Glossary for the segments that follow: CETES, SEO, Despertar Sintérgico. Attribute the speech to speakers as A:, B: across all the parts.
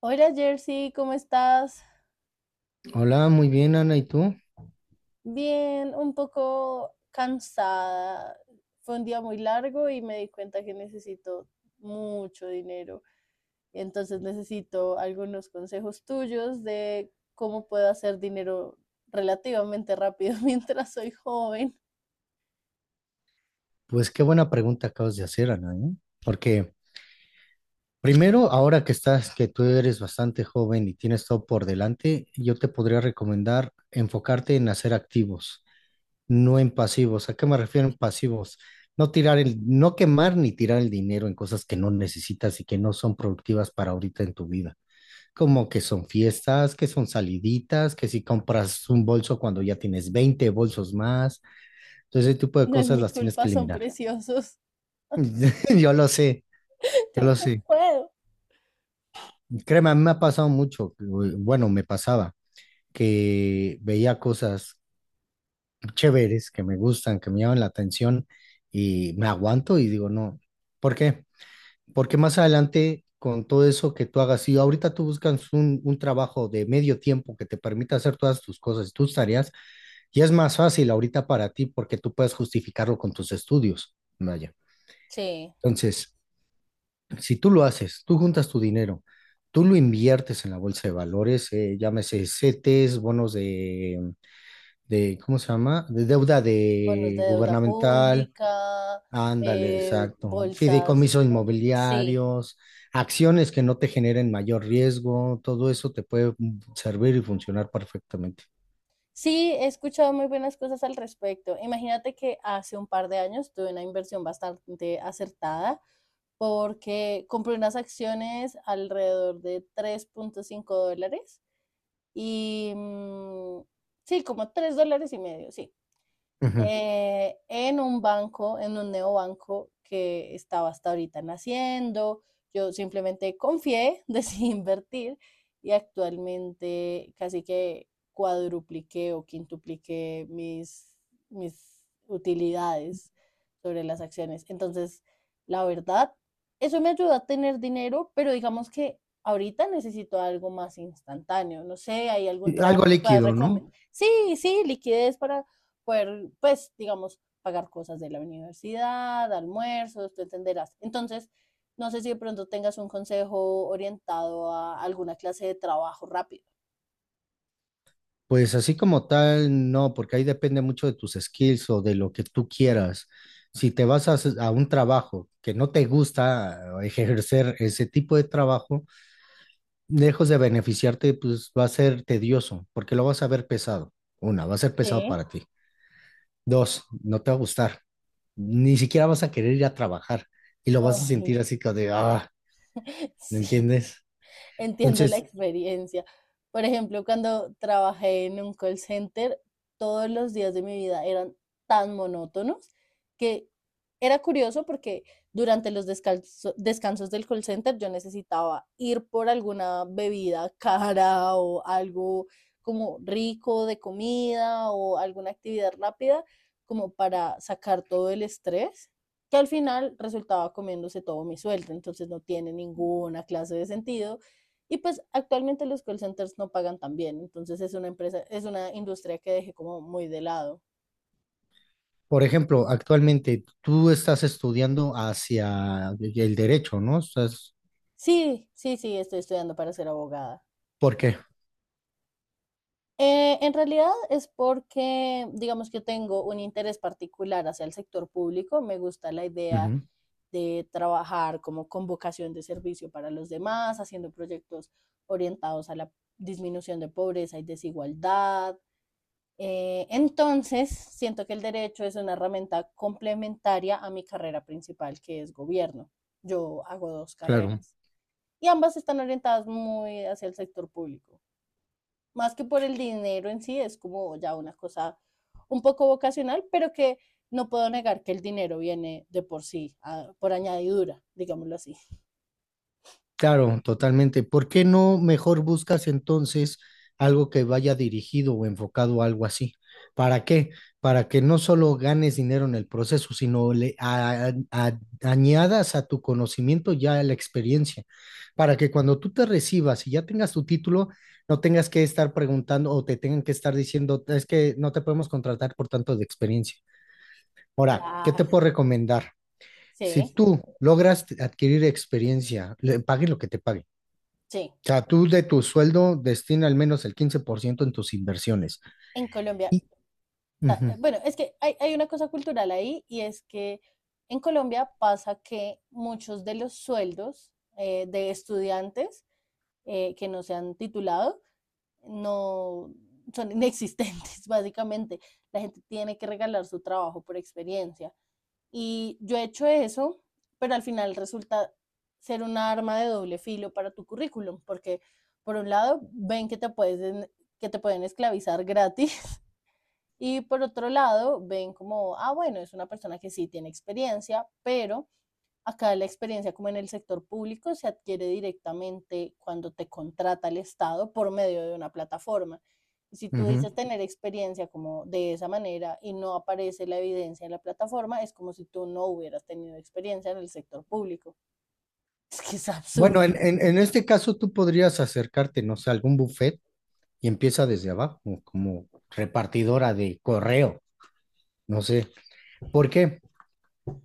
A: Hola Jersey, ¿cómo estás?
B: Hola, muy bien, Ana, ¿y tú?
A: Bien, un poco cansada. Fue un día muy largo y me di cuenta que necesito mucho dinero. Entonces necesito algunos consejos tuyos de cómo puedo hacer dinero relativamente rápido mientras soy joven.
B: Pues qué buena pregunta acabas de hacer, Ana, ¿eh? Porque primero, ahora que estás, que tú eres bastante joven y tienes todo por delante, yo te podría recomendar enfocarte en hacer activos, no en pasivos. ¿A qué me refiero en pasivos? No tirar no quemar ni tirar el dinero en cosas que no necesitas y que no son productivas para ahorita en tu vida. Como que son fiestas, que son saliditas, que si compras un bolso cuando ya tienes 20 bolsos más, entonces ese tipo de
A: No es
B: cosas
A: mi
B: las tienes
A: culpa,
B: que
A: son
B: eliminar.
A: preciosos.
B: Yo lo sé, yo
A: Yo
B: lo
A: no
B: sé.
A: puedo.
B: Créeme, a mí me ha pasado mucho, bueno, me pasaba, que veía cosas chéveres que me gustan, que me llaman la atención y me aguanto y digo, no, ¿por qué? Porque más adelante, con todo eso que tú hagas, si ahorita tú buscas un trabajo de medio tiempo que te permita hacer todas tus cosas, tus tareas, y es más fácil ahorita para ti porque tú puedes justificarlo con tus estudios, vaya.
A: Sí,
B: Entonces, si tú lo haces, tú juntas tu dinero, tú lo inviertes en la bolsa de valores, llámese CETES, bonos de, ¿cómo se llama? De deuda
A: bonos de
B: de
A: deuda
B: gubernamental,
A: pública,
B: ándale, exacto,
A: bolsas.
B: fideicomisos
A: Sí,
B: inmobiliarios, acciones que no te generen mayor riesgo, todo eso te puede servir y funcionar perfectamente.
A: sí, he escuchado muy buenas cosas al respecto. Imagínate que hace un par de años tuve una inversión bastante acertada porque compré unas acciones alrededor de 3,5 dólares y sí, como 3,5 dólares, sí,
B: Ujú.
A: en un banco, en un neobanco que estaba hasta ahorita naciendo. Yo simplemente confié, decidí invertir y actualmente casi que cuadrupliqué o quintupliqué mis utilidades sobre las acciones. Entonces, la verdad, eso me ayuda a tener dinero, pero digamos que ahorita necesito algo más instantáneo. No sé, ¿hay algún
B: ¿Y
A: trabajo
B: algo
A: que puedas
B: líquido, no?
A: recomendar? Sí, sí, liquidez para poder, pues, digamos, pagar cosas de la universidad, almuerzos, tú entenderás. Entonces, no sé si de pronto tengas un consejo orientado a alguna clase de trabajo rápido.
B: Pues así como tal, no, porque ahí depende mucho de tus skills o de lo que tú quieras. Si te vas a un trabajo que no te gusta, ejercer ese tipo de trabajo, lejos de beneficiarte, pues va a ser tedioso, porque lo vas a ver pesado. Una, va a ser pesado
A: Sí.
B: para ti. Dos, no te va a gustar. Ni siquiera vas a querer ir a trabajar y lo vas a
A: Ay,
B: sentir así como de, ah, ¿me
A: sí.
B: entiendes?
A: Entiendo la
B: Entonces,
A: experiencia. Por ejemplo, cuando trabajé en un call center, todos los días de mi vida eran tan monótonos que era curioso porque durante los descansos del call center yo necesitaba ir por alguna bebida cara o algo como rico de comida o alguna actividad rápida como para sacar todo el estrés, que al final resultaba comiéndose todo mi sueldo. Entonces no tiene ninguna clase de sentido y pues actualmente los call centers no pagan tan bien, entonces es una empresa, es una industria que dejé como muy de lado.
B: por ejemplo, actualmente tú estás estudiando hacia el derecho, ¿no?
A: Sí, sí, sí, estoy estudiando para ser abogada.
B: ¿Por qué?
A: En realidad es porque, digamos que tengo un interés particular hacia el sector público, me gusta la idea
B: Ujú,
A: de trabajar como con vocación de servicio para los demás, haciendo proyectos orientados a la disminución de pobreza y desigualdad. Entonces, siento que el derecho es una herramienta complementaria a mi carrera principal, que es gobierno. Yo hago dos
B: claro.
A: carreras y ambas están orientadas muy hacia el sector público. Más que por el dinero en sí, es como ya una cosa un poco vocacional, pero que no puedo negar que el dinero viene de por sí, a, por añadidura, digámoslo así.
B: Claro, totalmente. ¿Por qué no mejor buscas entonces algo que vaya dirigido o enfocado a algo así? ¿Para qué? Para que no solo ganes dinero en el proceso, sino le añadas a tu conocimiento ya la experiencia, para que cuando tú te recibas y ya tengas tu título, no tengas que estar preguntando o te tengan que estar diciendo, es que no te podemos contratar por tanto de experiencia. Ahora, ¿qué te
A: Claro,
B: puedo recomendar? Si
A: sí,
B: tú logras adquirir experiencia, le paguen lo que te paguen,
A: sí.
B: o sea, tú de tu sueldo destina al menos el 15% en tus inversiones.
A: En Colombia,
B: Y, ujú,
A: bueno, es que hay una cosa cultural ahí, y es que en Colombia pasa que muchos de los sueldos, de estudiantes, que no se han titulado, no son inexistentes, básicamente. La gente tiene que regalar su trabajo por experiencia. Y yo he hecho eso, pero al final resulta ser una arma de doble filo para tu currículum, porque por un lado ven que te pueden esclavizar gratis y por otro lado ven como, ah, bueno, es una persona que sí tiene experiencia, pero acá la experiencia, como en el sector público, se adquiere directamente cuando te contrata el Estado por medio de una plataforma. Y si tú
B: ujú.
A: dices tener experiencia como de esa manera y no aparece la evidencia en la plataforma, es como si tú no hubieras tenido experiencia en el sector público. Es que es
B: Bueno,
A: absurdo.
B: en este caso tú podrías acercarte, no sé, a algún buffet y empieza desde abajo, como repartidora de correo, no sé. ¿Por qué?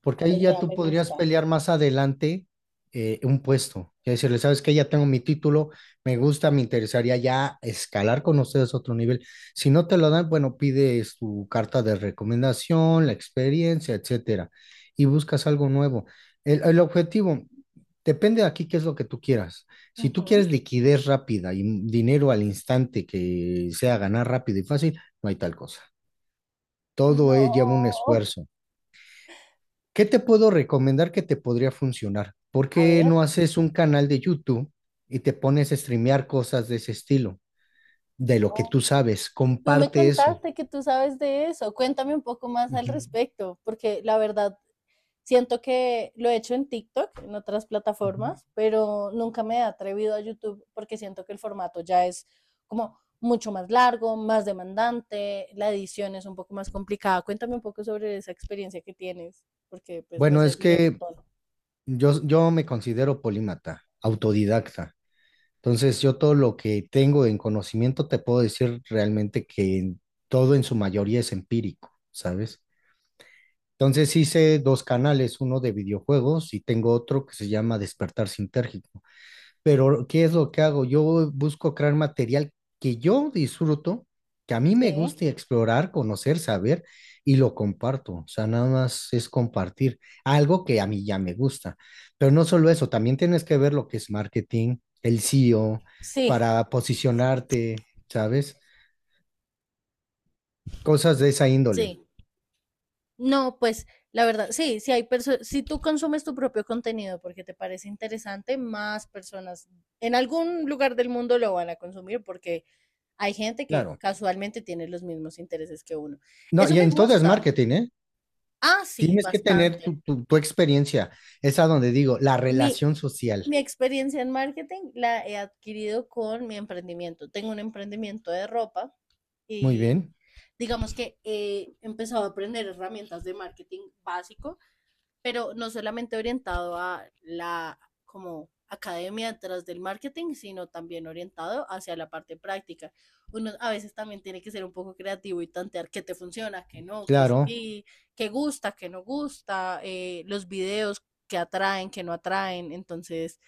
B: Porque
A: La
B: ahí ya
A: idea
B: tú
A: me
B: podrías
A: gusta.
B: pelear más adelante un puesto. Y decirle, sabes que ya tengo mi título, me gusta, me interesaría ya escalar con ustedes a otro nivel. Si no te lo dan, bueno, pides tu carta de recomendación, la experiencia, etcétera, y buscas algo nuevo. El objetivo depende de aquí qué es lo que tú quieras. Si tú
A: Ujú.
B: quieres liquidez rápida y dinero al instante que sea ganar rápido y fácil, no hay tal cosa. Todo
A: No.
B: lleva un esfuerzo. ¿Qué te puedo recomendar que te podría funcionar? ¿Por
A: A
B: qué
A: ver.
B: no haces un canal de YouTube y te pones a streamear cosas de ese estilo, de lo que tú sabes?
A: Tú me
B: Comparte eso.
A: contaste que tú sabes de eso. Cuéntame un poco más al
B: Ujú,
A: respecto, porque la verdad siento que lo he hecho en TikTok, en otras
B: ujú.
A: plataformas, pero nunca me he atrevido a YouTube porque siento que el formato ya es como mucho más largo, más demandante, la edición es un poco más complicada. Cuéntame un poco sobre esa experiencia que tienes, porque pues me
B: Bueno, es
A: serviría un
B: que
A: montón.
B: yo me considero polímata, autodidacta. Entonces, yo todo lo que tengo en conocimiento te puedo decir realmente que todo en su mayoría es empírico, ¿sabes? Entonces hice dos canales, uno de videojuegos y tengo otro que se llama Despertar Sintérgico. Pero ¿qué es lo que hago? Yo busco crear material que yo disfruto, que a mí
A: Sí,
B: me guste explorar, conocer, saber, y lo comparto. O sea, nada más es compartir algo que a mí ya me gusta. Pero no solo eso, también tienes que ver lo que es marketing, el SEO,
A: sí,
B: para posicionarte, ¿sabes? Cosas de esa índole.
A: sí. No, pues la verdad, sí, si tú consumes tu propio contenido porque te parece interesante, más personas en algún lugar del mundo lo van a consumir porque hay gente que
B: Claro.
A: casualmente tiene los mismos intereses que uno.
B: No,
A: Eso
B: y
A: me
B: en todo es
A: gusta.
B: marketing, ¿eh?
A: Ah, sí,
B: Tienes que tener
A: bastante.
B: tu experiencia. Es a donde digo, la
A: Mi,
B: relación social.
A: mi experiencia en marketing la he adquirido con mi emprendimiento. Tengo un emprendimiento de ropa
B: Muy
A: y
B: bien,
A: digamos que he empezado a aprender herramientas de marketing básico, pero no solamente orientado a la como academia detrás del marketing, sino también orientado hacia la parte práctica. Uno a veces también tiene que ser un poco creativo y tantear qué te funciona, qué no, qué
B: claro.
A: sí, qué gusta, qué no gusta, los videos que atraen, que no atraen. Entonces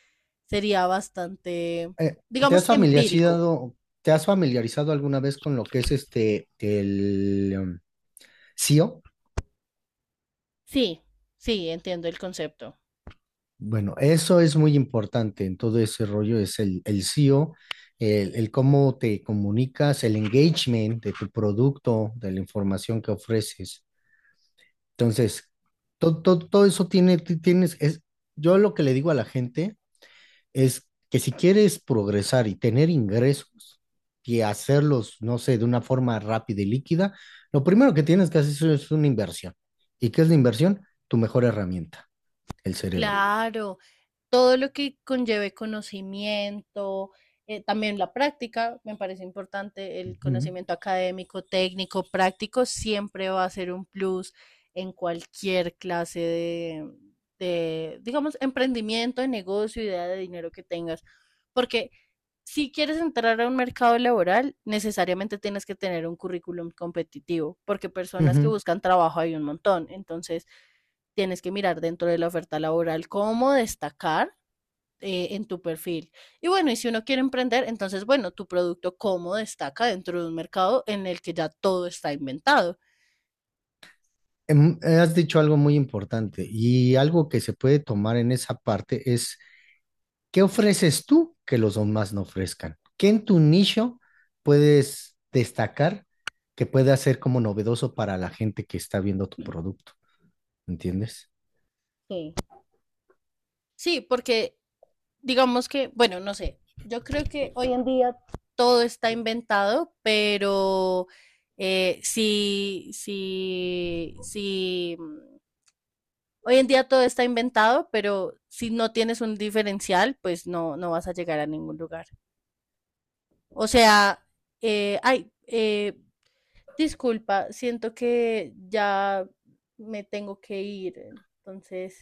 A: sería bastante,
B: Eh, ¿te
A: digamos,
B: has
A: empírico.
B: familiarizado, te has familiarizado alguna vez con lo que es este, el SEO?
A: Sí, sí, entiendo el concepto.
B: Bueno, eso es muy importante en todo ese rollo, es el SEO, el cómo te comunicas, el engagement de tu producto, de la información que ofreces. Entonces, todo, todo, todo eso tiene, yo lo que le digo a la gente es que si quieres progresar y tener ingresos y hacerlos, no sé, de una forma rápida y líquida, lo primero que tienes que hacer es una inversión. ¿Y qué es la inversión? Tu mejor herramienta, el cerebro.
A: Claro, todo lo que conlleve conocimiento, también la práctica, me parece importante, el
B: Ujú,
A: conocimiento académico, técnico, práctico, siempre va a ser un plus en cualquier clase de, digamos, emprendimiento, de negocio, idea de dinero que tengas. Porque si quieres entrar a un mercado laboral, necesariamente tienes que tener un currículum competitivo, porque personas que
B: ujú.
A: buscan trabajo hay un montón. Entonces, tienes que mirar dentro de la oferta laboral cómo destacar, en tu perfil. Y bueno, y si uno quiere emprender, entonces, bueno, tu producto cómo destaca dentro de un mercado en el que ya todo está inventado.
B: Has dicho algo muy importante y algo que se puede tomar en esa parte es, ¿qué ofreces tú que los demás no ofrezcan? ¿Qué en tu nicho puedes destacar que pueda ser como novedoso para la gente que está viendo tu producto? ¿Entiendes?
A: Sí. Sí, porque digamos que, bueno, no sé, yo creo que hoy en día todo está inventado, pero sí sí si, mm, hoy en día todo está inventado, pero si no tienes un diferencial, pues no, no vas a llegar a ningún lugar. O sea, eh, ay, eh, disculpa, siento que ya me tengo que ir. Entonces,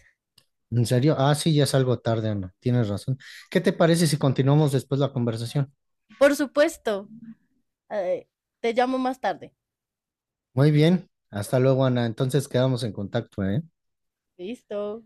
B: ¿En serio? Ah, sí, ya es algo tarde, Ana. Tienes razón. ¿Qué te parece si continuamos después la conversación?
A: por supuesto, eh, te llamo más tarde.
B: Muy bien, hasta luego Ana, entonces quedamos en contacto, ¿eh?
A: Listo.